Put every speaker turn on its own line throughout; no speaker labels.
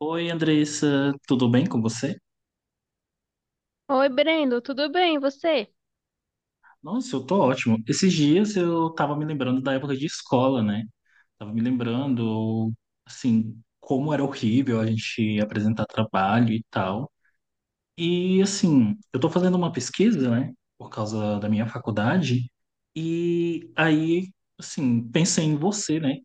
Oi, Andressa, tudo bem com você?
Oi, Brendo, tudo bem? E você?
Nossa, eu tô ótimo. Esses dias eu tava me lembrando da época de escola, né? Tava me lembrando, assim, como era horrível a gente apresentar trabalho e tal. E, assim, eu tô fazendo uma pesquisa, né, por causa da minha faculdade, e aí, assim, pensei em você, né?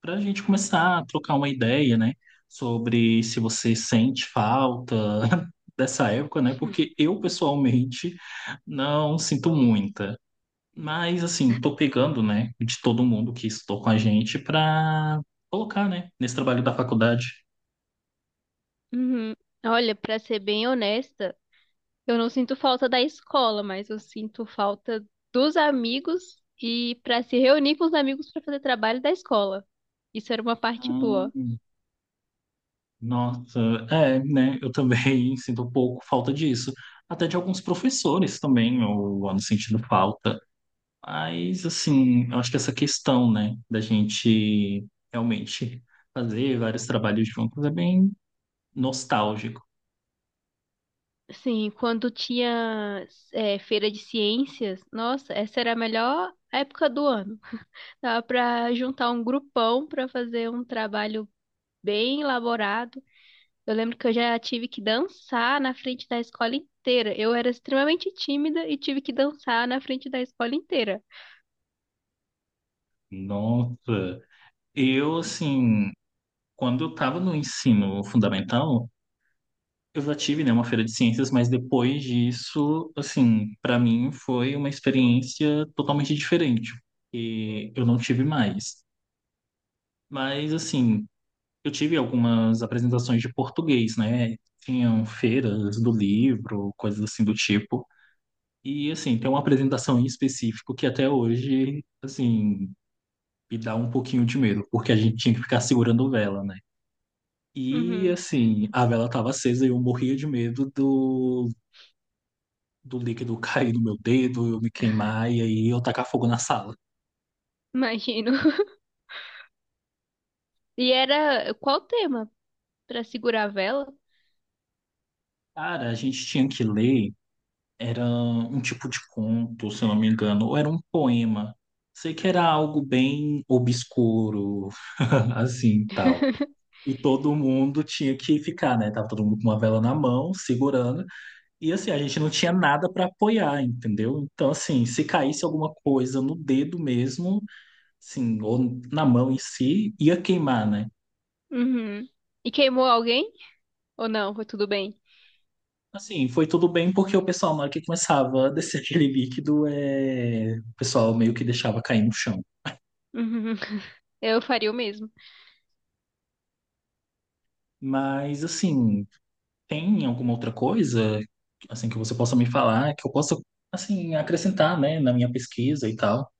Para a gente começar a trocar uma ideia, né, sobre se você sente falta dessa época, né, porque eu pessoalmente não sinto muita. Mas assim, tô pegando, né, de todo mundo que estou com a gente para colocar, né, nesse trabalho da faculdade.
Uhum. Olha, pra ser bem honesta, eu não sinto falta da escola, mas eu sinto falta dos amigos e pra se reunir com os amigos pra fazer trabalho da escola. Isso era uma parte
Hum.
boa.
Nossa, é, né? Eu também sinto um pouco falta disso. Até de alguns professores também, eu ando sentindo falta. Mas, assim, eu acho que essa questão, né, da gente realmente fazer vários trabalhos juntos é bem nostálgico.
Sim, quando tinha feira de ciências, nossa, essa era a melhor época do ano. Dava pra juntar um grupão pra fazer um trabalho bem elaborado. Eu lembro que eu já tive que dançar na frente da escola inteira. Eu era extremamente tímida e tive que dançar na frente da escola inteira.
Nossa, eu, assim, quando eu estava no ensino fundamental, eu já tive, né, uma feira de ciências, mas depois disso, assim, para mim foi uma experiência totalmente diferente, e eu não tive mais. Mas, assim, eu tive algumas apresentações de português, né? Tinham feiras do livro, coisas assim do tipo. E, assim, tem uma apresentação em específico que até hoje, assim, me dá um pouquinho de medo, porque a gente tinha que ficar segurando vela, né? E,
Uhum,
assim, a vela estava acesa e eu morria de medo do, do líquido cair no meu dedo, eu me queimar e aí eu tacar fogo na sala.
imagino. E era qual o tema? Pra segurar a vela?
Cara, a gente tinha que ler. Era um tipo de conto, se eu não me engano, ou era um poema. Sei que era algo bem obscuro, assim, tal. E todo mundo tinha que ficar, né? Tava todo mundo com uma vela na mão, segurando. E assim, a gente não tinha nada para apoiar, entendeu? Então, assim, se caísse alguma coisa no dedo mesmo, assim, ou na mão em si, ia queimar, né?
Uhum. E queimou alguém? Ou não? Foi tudo bem?
Assim, foi tudo bem porque o pessoal, na hora que começava a descer aquele líquido, o pessoal meio que deixava cair no chão.
Uhum. Eu faria o mesmo.
Mas, assim, tem alguma outra coisa, assim, que você possa me falar, que eu possa, assim, acrescentar, né, na minha pesquisa e tal?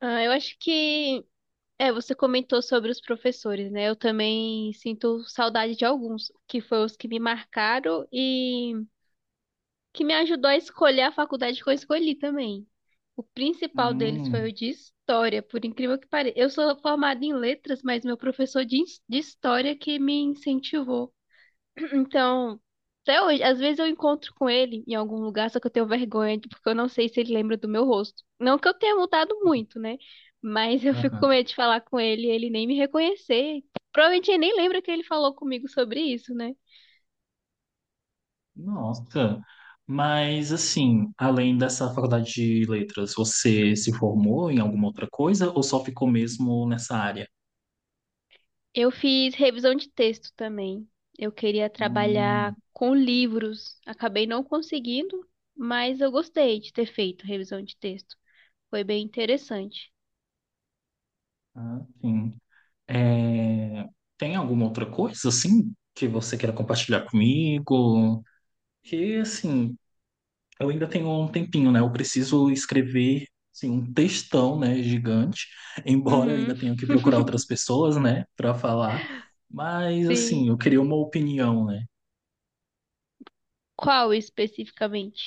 Ah, eu acho que. É, você comentou sobre os professores, né? Eu também sinto saudade de alguns, que foram os que me marcaram e que me ajudou a escolher a faculdade que eu escolhi também. O principal deles foi
Hum,
o de história, por incrível que pareça. Eu sou formada em letras, mas meu professor de história que me incentivou. Então, até hoje, às vezes eu encontro com ele em algum lugar, só que eu tenho vergonha, porque eu não sei se ele lembra do meu rosto. Não que eu tenha mudado muito, né? Mas eu fico com
aham.
medo de falar com ele e ele nem me reconhecer. Provavelmente ele nem lembra que ele falou comigo sobre isso, né?
Nossa. Mas, assim, além dessa faculdade de letras, você se formou em alguma outra coisa ou só ficou mesmo nessa área?
Eu fiz revisão de texto também. Eu queria
Hum,
trabalhar com livros. Acabei não conseguindo, mas eu gostei de ter feito revisão de texto. Foi bem interessante.
ah, sim. É, tem alguma outra coisa, assim, que você queira compartilhar comigo? Que, assim, eu ainda tenho um tempinho, né? Eu preciso escrever assim, um textão, né, gigante, embora eu
Uhum,
ainda tenha que procurar outras pessoas, né, para falar. Mas
sim.
assim, eu queria uma opinião, né?
Qual especificamente?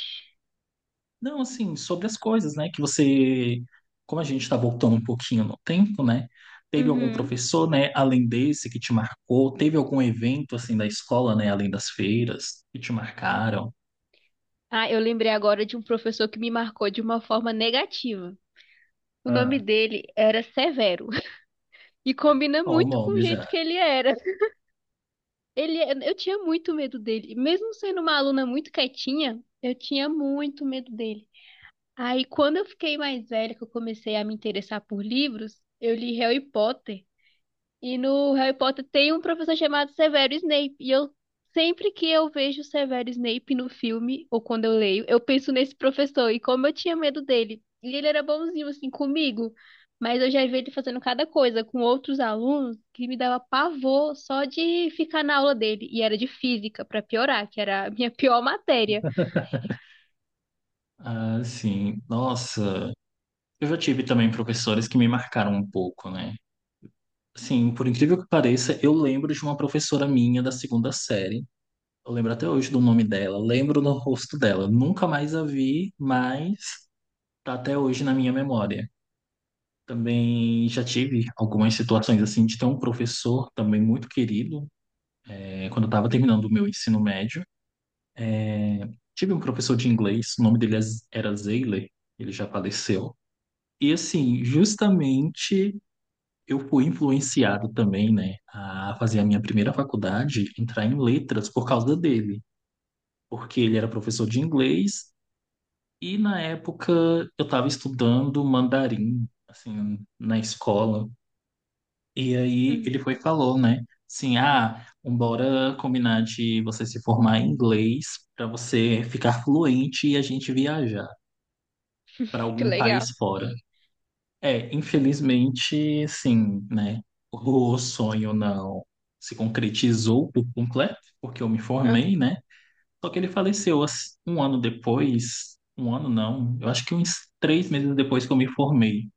Não, assim, sobre as coisas, né, que você, como a gente está voltando um pouquinho no tempo, né? Teve algum
Uhum.
professor, né, além desse que te marcou? Teve algum evento assim da escola, né, além das feiras que te marcaram?
Ah, eu lembrei agora de um professor que me marcou de uma forma negativa. O nome
Ah,
dele era Severo e combina
ó, o
muito com o
nome já.
jeito que ele era. Ele, eu tinha muito medo dele. E mesmo sendo uma aluna muito quietinha, eu tinha muito medo dele. Aí, quando eu fiquei mais velha, que eu comecei a me interessar por livros, eu li Harry Potter. E no Harry Potter tem um professor chamado Severo Snape. E eu sempre que eu vejo o Severo Snape no filme, ou quando eu leio, eu penso nesse professor e como eu tinha medo dele. E ele era bonzinho assim comigo, mas eu já vi ele fazendo cada coisa com outros alunos que me dava pavor só de ficar na aula dele. E era de física, pra piorar, que era a minha pior matéria.
Ah, sim. Nossa, eu já tive também professores que me marcaram um pouco, né? Sim, por incrível que pareça, eu lembro de uma professora minha da segunda série. Eu lembro até hoje do nome dela, lembro do rosto dela. Nunca mais a vi, mas tá até hoje na minha memória. Também já tive algumas situações assim de ter um professor também muito querido. É, quando eu estava terminando o meu ensino médio, tive um professor de inglês, o nome dele era Zeiler, ele já faleceu. E assim, justamente eu fui influenciado também, né, a fazer a minha primeira faculdade, entrar em letras por causa dele, porque ele era professor de inglês e na época eu estava estudando mandarim, assim, na escola. E aí
Hum,
ele foi e falou, né, assim, ah, bora combinar de você se formar em inglês para você ficar fluente e a gente viajar para
que
algum
legal.
país fora. É, infelizmente, sim, né? O sonho não se concretizou por completo, porque eu me
Ah,
formei, né? Só que ele faleceu assim, um ano depois, um ano não, eu acho que uns três meses depois que eu me formei.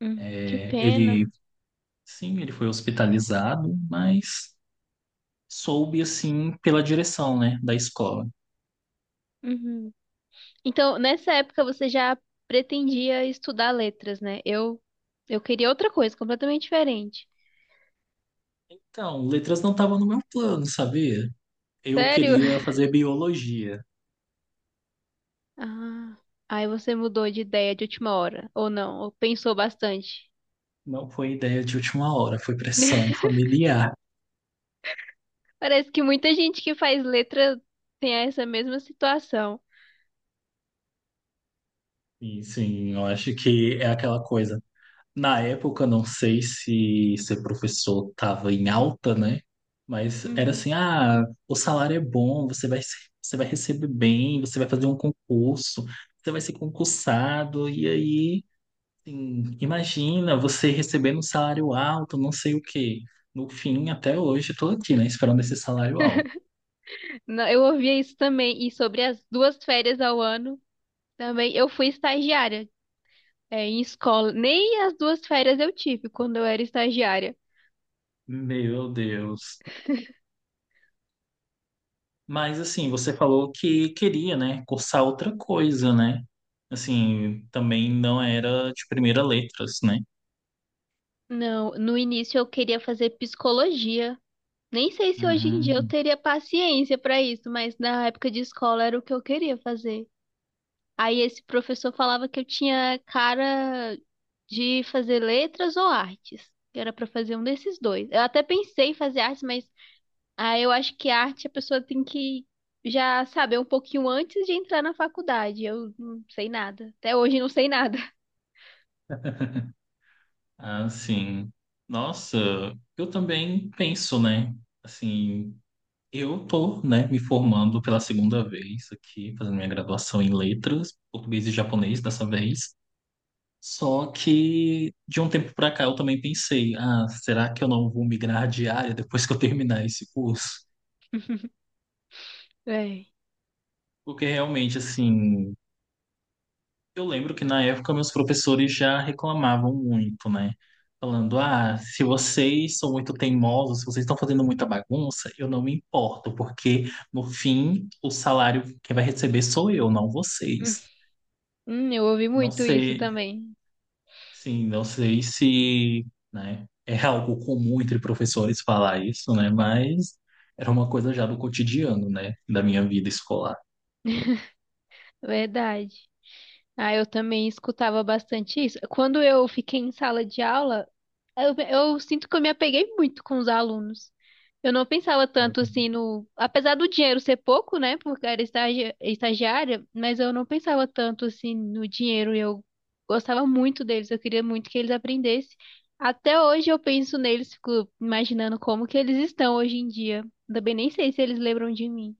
que
É,
pena.
ele, sim, ele foi hospitalizado, mas soube, assim, pela direção, né, da escola.
Uhum. Então, nessa época você já pretendia estudar letras, né? Eu queria outra coisa, completamente diferente.
Então, letras não estavam no meu plano, sabia? Eu
Sério?
queria fazer biologia.
Ah, aí você mudou de ideia de última hora, ou não? Ou pensou bastante?
Não foi ideia de última hora, foi pressão familiar.
Parece que muita gente que faz letra tem essa mesma situação.
Sim, sim, eu acho que é aquela coisa. Na época, eu não sei se ser professor estava em alta, né? Mas era
Uhum.
assim, ah, o salário é bom, você vai, você vai receber bem, você vai fazer um concurso, você vai ser concursado, e aí, assim, imagina você recebendo um salário alto, não sei o quê. No fim, até hoje, eu tô aqui, né, esperando esse salário alto.
Não, eu ouvia isso também, e sobre as duas férias ao ano também. Eu fui estagiária, em escola. Nem as duas férias eu tive quando eu era estagiária.
Meu Deus. Mas assim, você falou que queria, né, cursar outra coisa, né? Assim, também não era de primeira letras, né?
Não, no início eu queria fazer psicologia. Nem sei se hoje em dia eu
Uhum.
teria paciência para isso, mas na época de escola era o que eu queria fazer. Aí esse professor falava que eu tinha cara de fazer letras ou artes, que era para fazer um desses dois. Eu até pensei em fazer artes, mas ah, eu acho que arte a pessoa tem que já saber um pouquinho antes de entrar na faculdade. Eu não sei nada. Até hoje não sei nada.
Assim, nossa, eu também penso, né? Assim, eu tô, né, me formando pela segunda vez aqui, fazendo minha graduação em letras, português e japonês dessa vez. Só que de um tempo pra cá eu também pensei, ah, será que eu não vou migrar de área depois que eu terminar esse curso?
É.
Porque realmente, assim, eu lembro que na época meus professores já reclamavam muito, né? Falando, ah, se vocês são muito teimosos, se vocês estão fazendo muita bagunça, eu não me importo, porque no fim o salário que vai receber sou eu, não vocês.
Eu ouvi
Não
muito isso
sei,
também.
sim, não sei se, né, é algo comum entre professores falar isso, né? Mas era uma coisa já do cotidiano, né, da minha vida escolar.
Verdade. Ah, eu também escutava bastante isso. Quando eu fiquei em sala de aula, eu sinto que eu me apeguei muito com os alunos. Eu não pensava tanto assim no. Apesar do dinheiro ser pouco, né? Porque era estagiária, mas eu não pensava tanto assim no dinheiro. Eu gostava muito deles, eu queria muito que eles aprendessem. Até hoje eu penso neles, fico imaginando como que eles estão hoje em dia. Também nem sei se eles lembram de mim.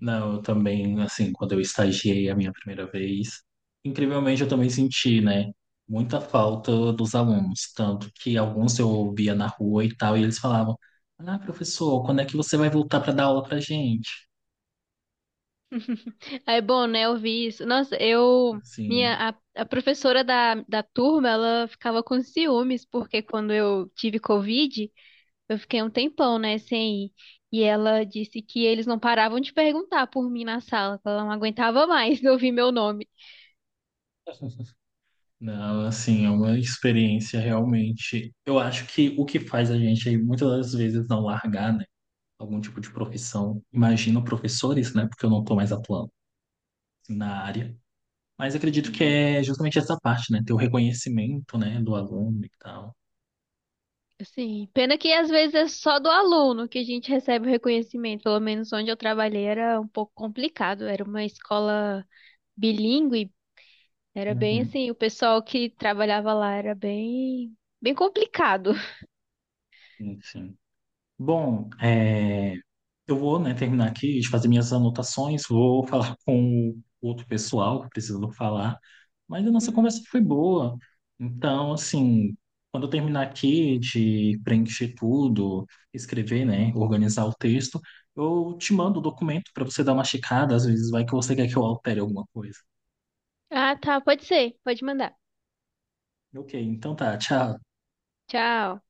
Não, eu também, assim, quando eu estagiei a minha primeira vez, incrivelmente eu também senti, né, muita falta dos alunos, tanto que alguns eu via na rua e tal, e eles falavam, ah, professor, quando é que você vai voltar para dar aula pra gente?
É bom, né? Eu vi isso. Nossa, eu.
Assim,
A professora da turma, ela ficava com ciúmes, porque quando eu tive Covid, eu fiquei um tempão, né, sem ir. E ela disse que eles não paravam de perguntar por mim na sala, que ela não aguentava mais ouvir meu nome.
não, assim, é uma experiência realmente. Eu acho que o que faz a gente aí muitas das vezes não largar, né, algum tipo de profissão, imagino professores, né, porque eu não tô mais atuando na área. Mas acredito que
Uhum.
é justamente essa parte, né? Ter o reconhecimento, né, do aluno e tal.
Assim, pena que às vezes é só do aluno que a gente recebe o reconhecimento. Pelo menos onde eu trabalhei era um pouco complicado, era uma escola bilíngue. Era bem
Uhum,
assim, o pessoal que trabalhava lá era bem complicado.
sim, sim. Bom, é, eu vou, né, terminar aqui de fazer minhas anotações, vou falar com o outro pessoal que precisou falar, mas a nossa conversa
Uhum.
foi boa. Então, assim, quando eu terminar aqui de preencher tudo, escrever, né, organizar o texto, eu te mando o documento para você dar uma checada, às vezes vai que você quer que eu altere alguma coisa.
Ah, tá, pode ser, pode mandar.
Ok, então tá, tchau.
Tchau.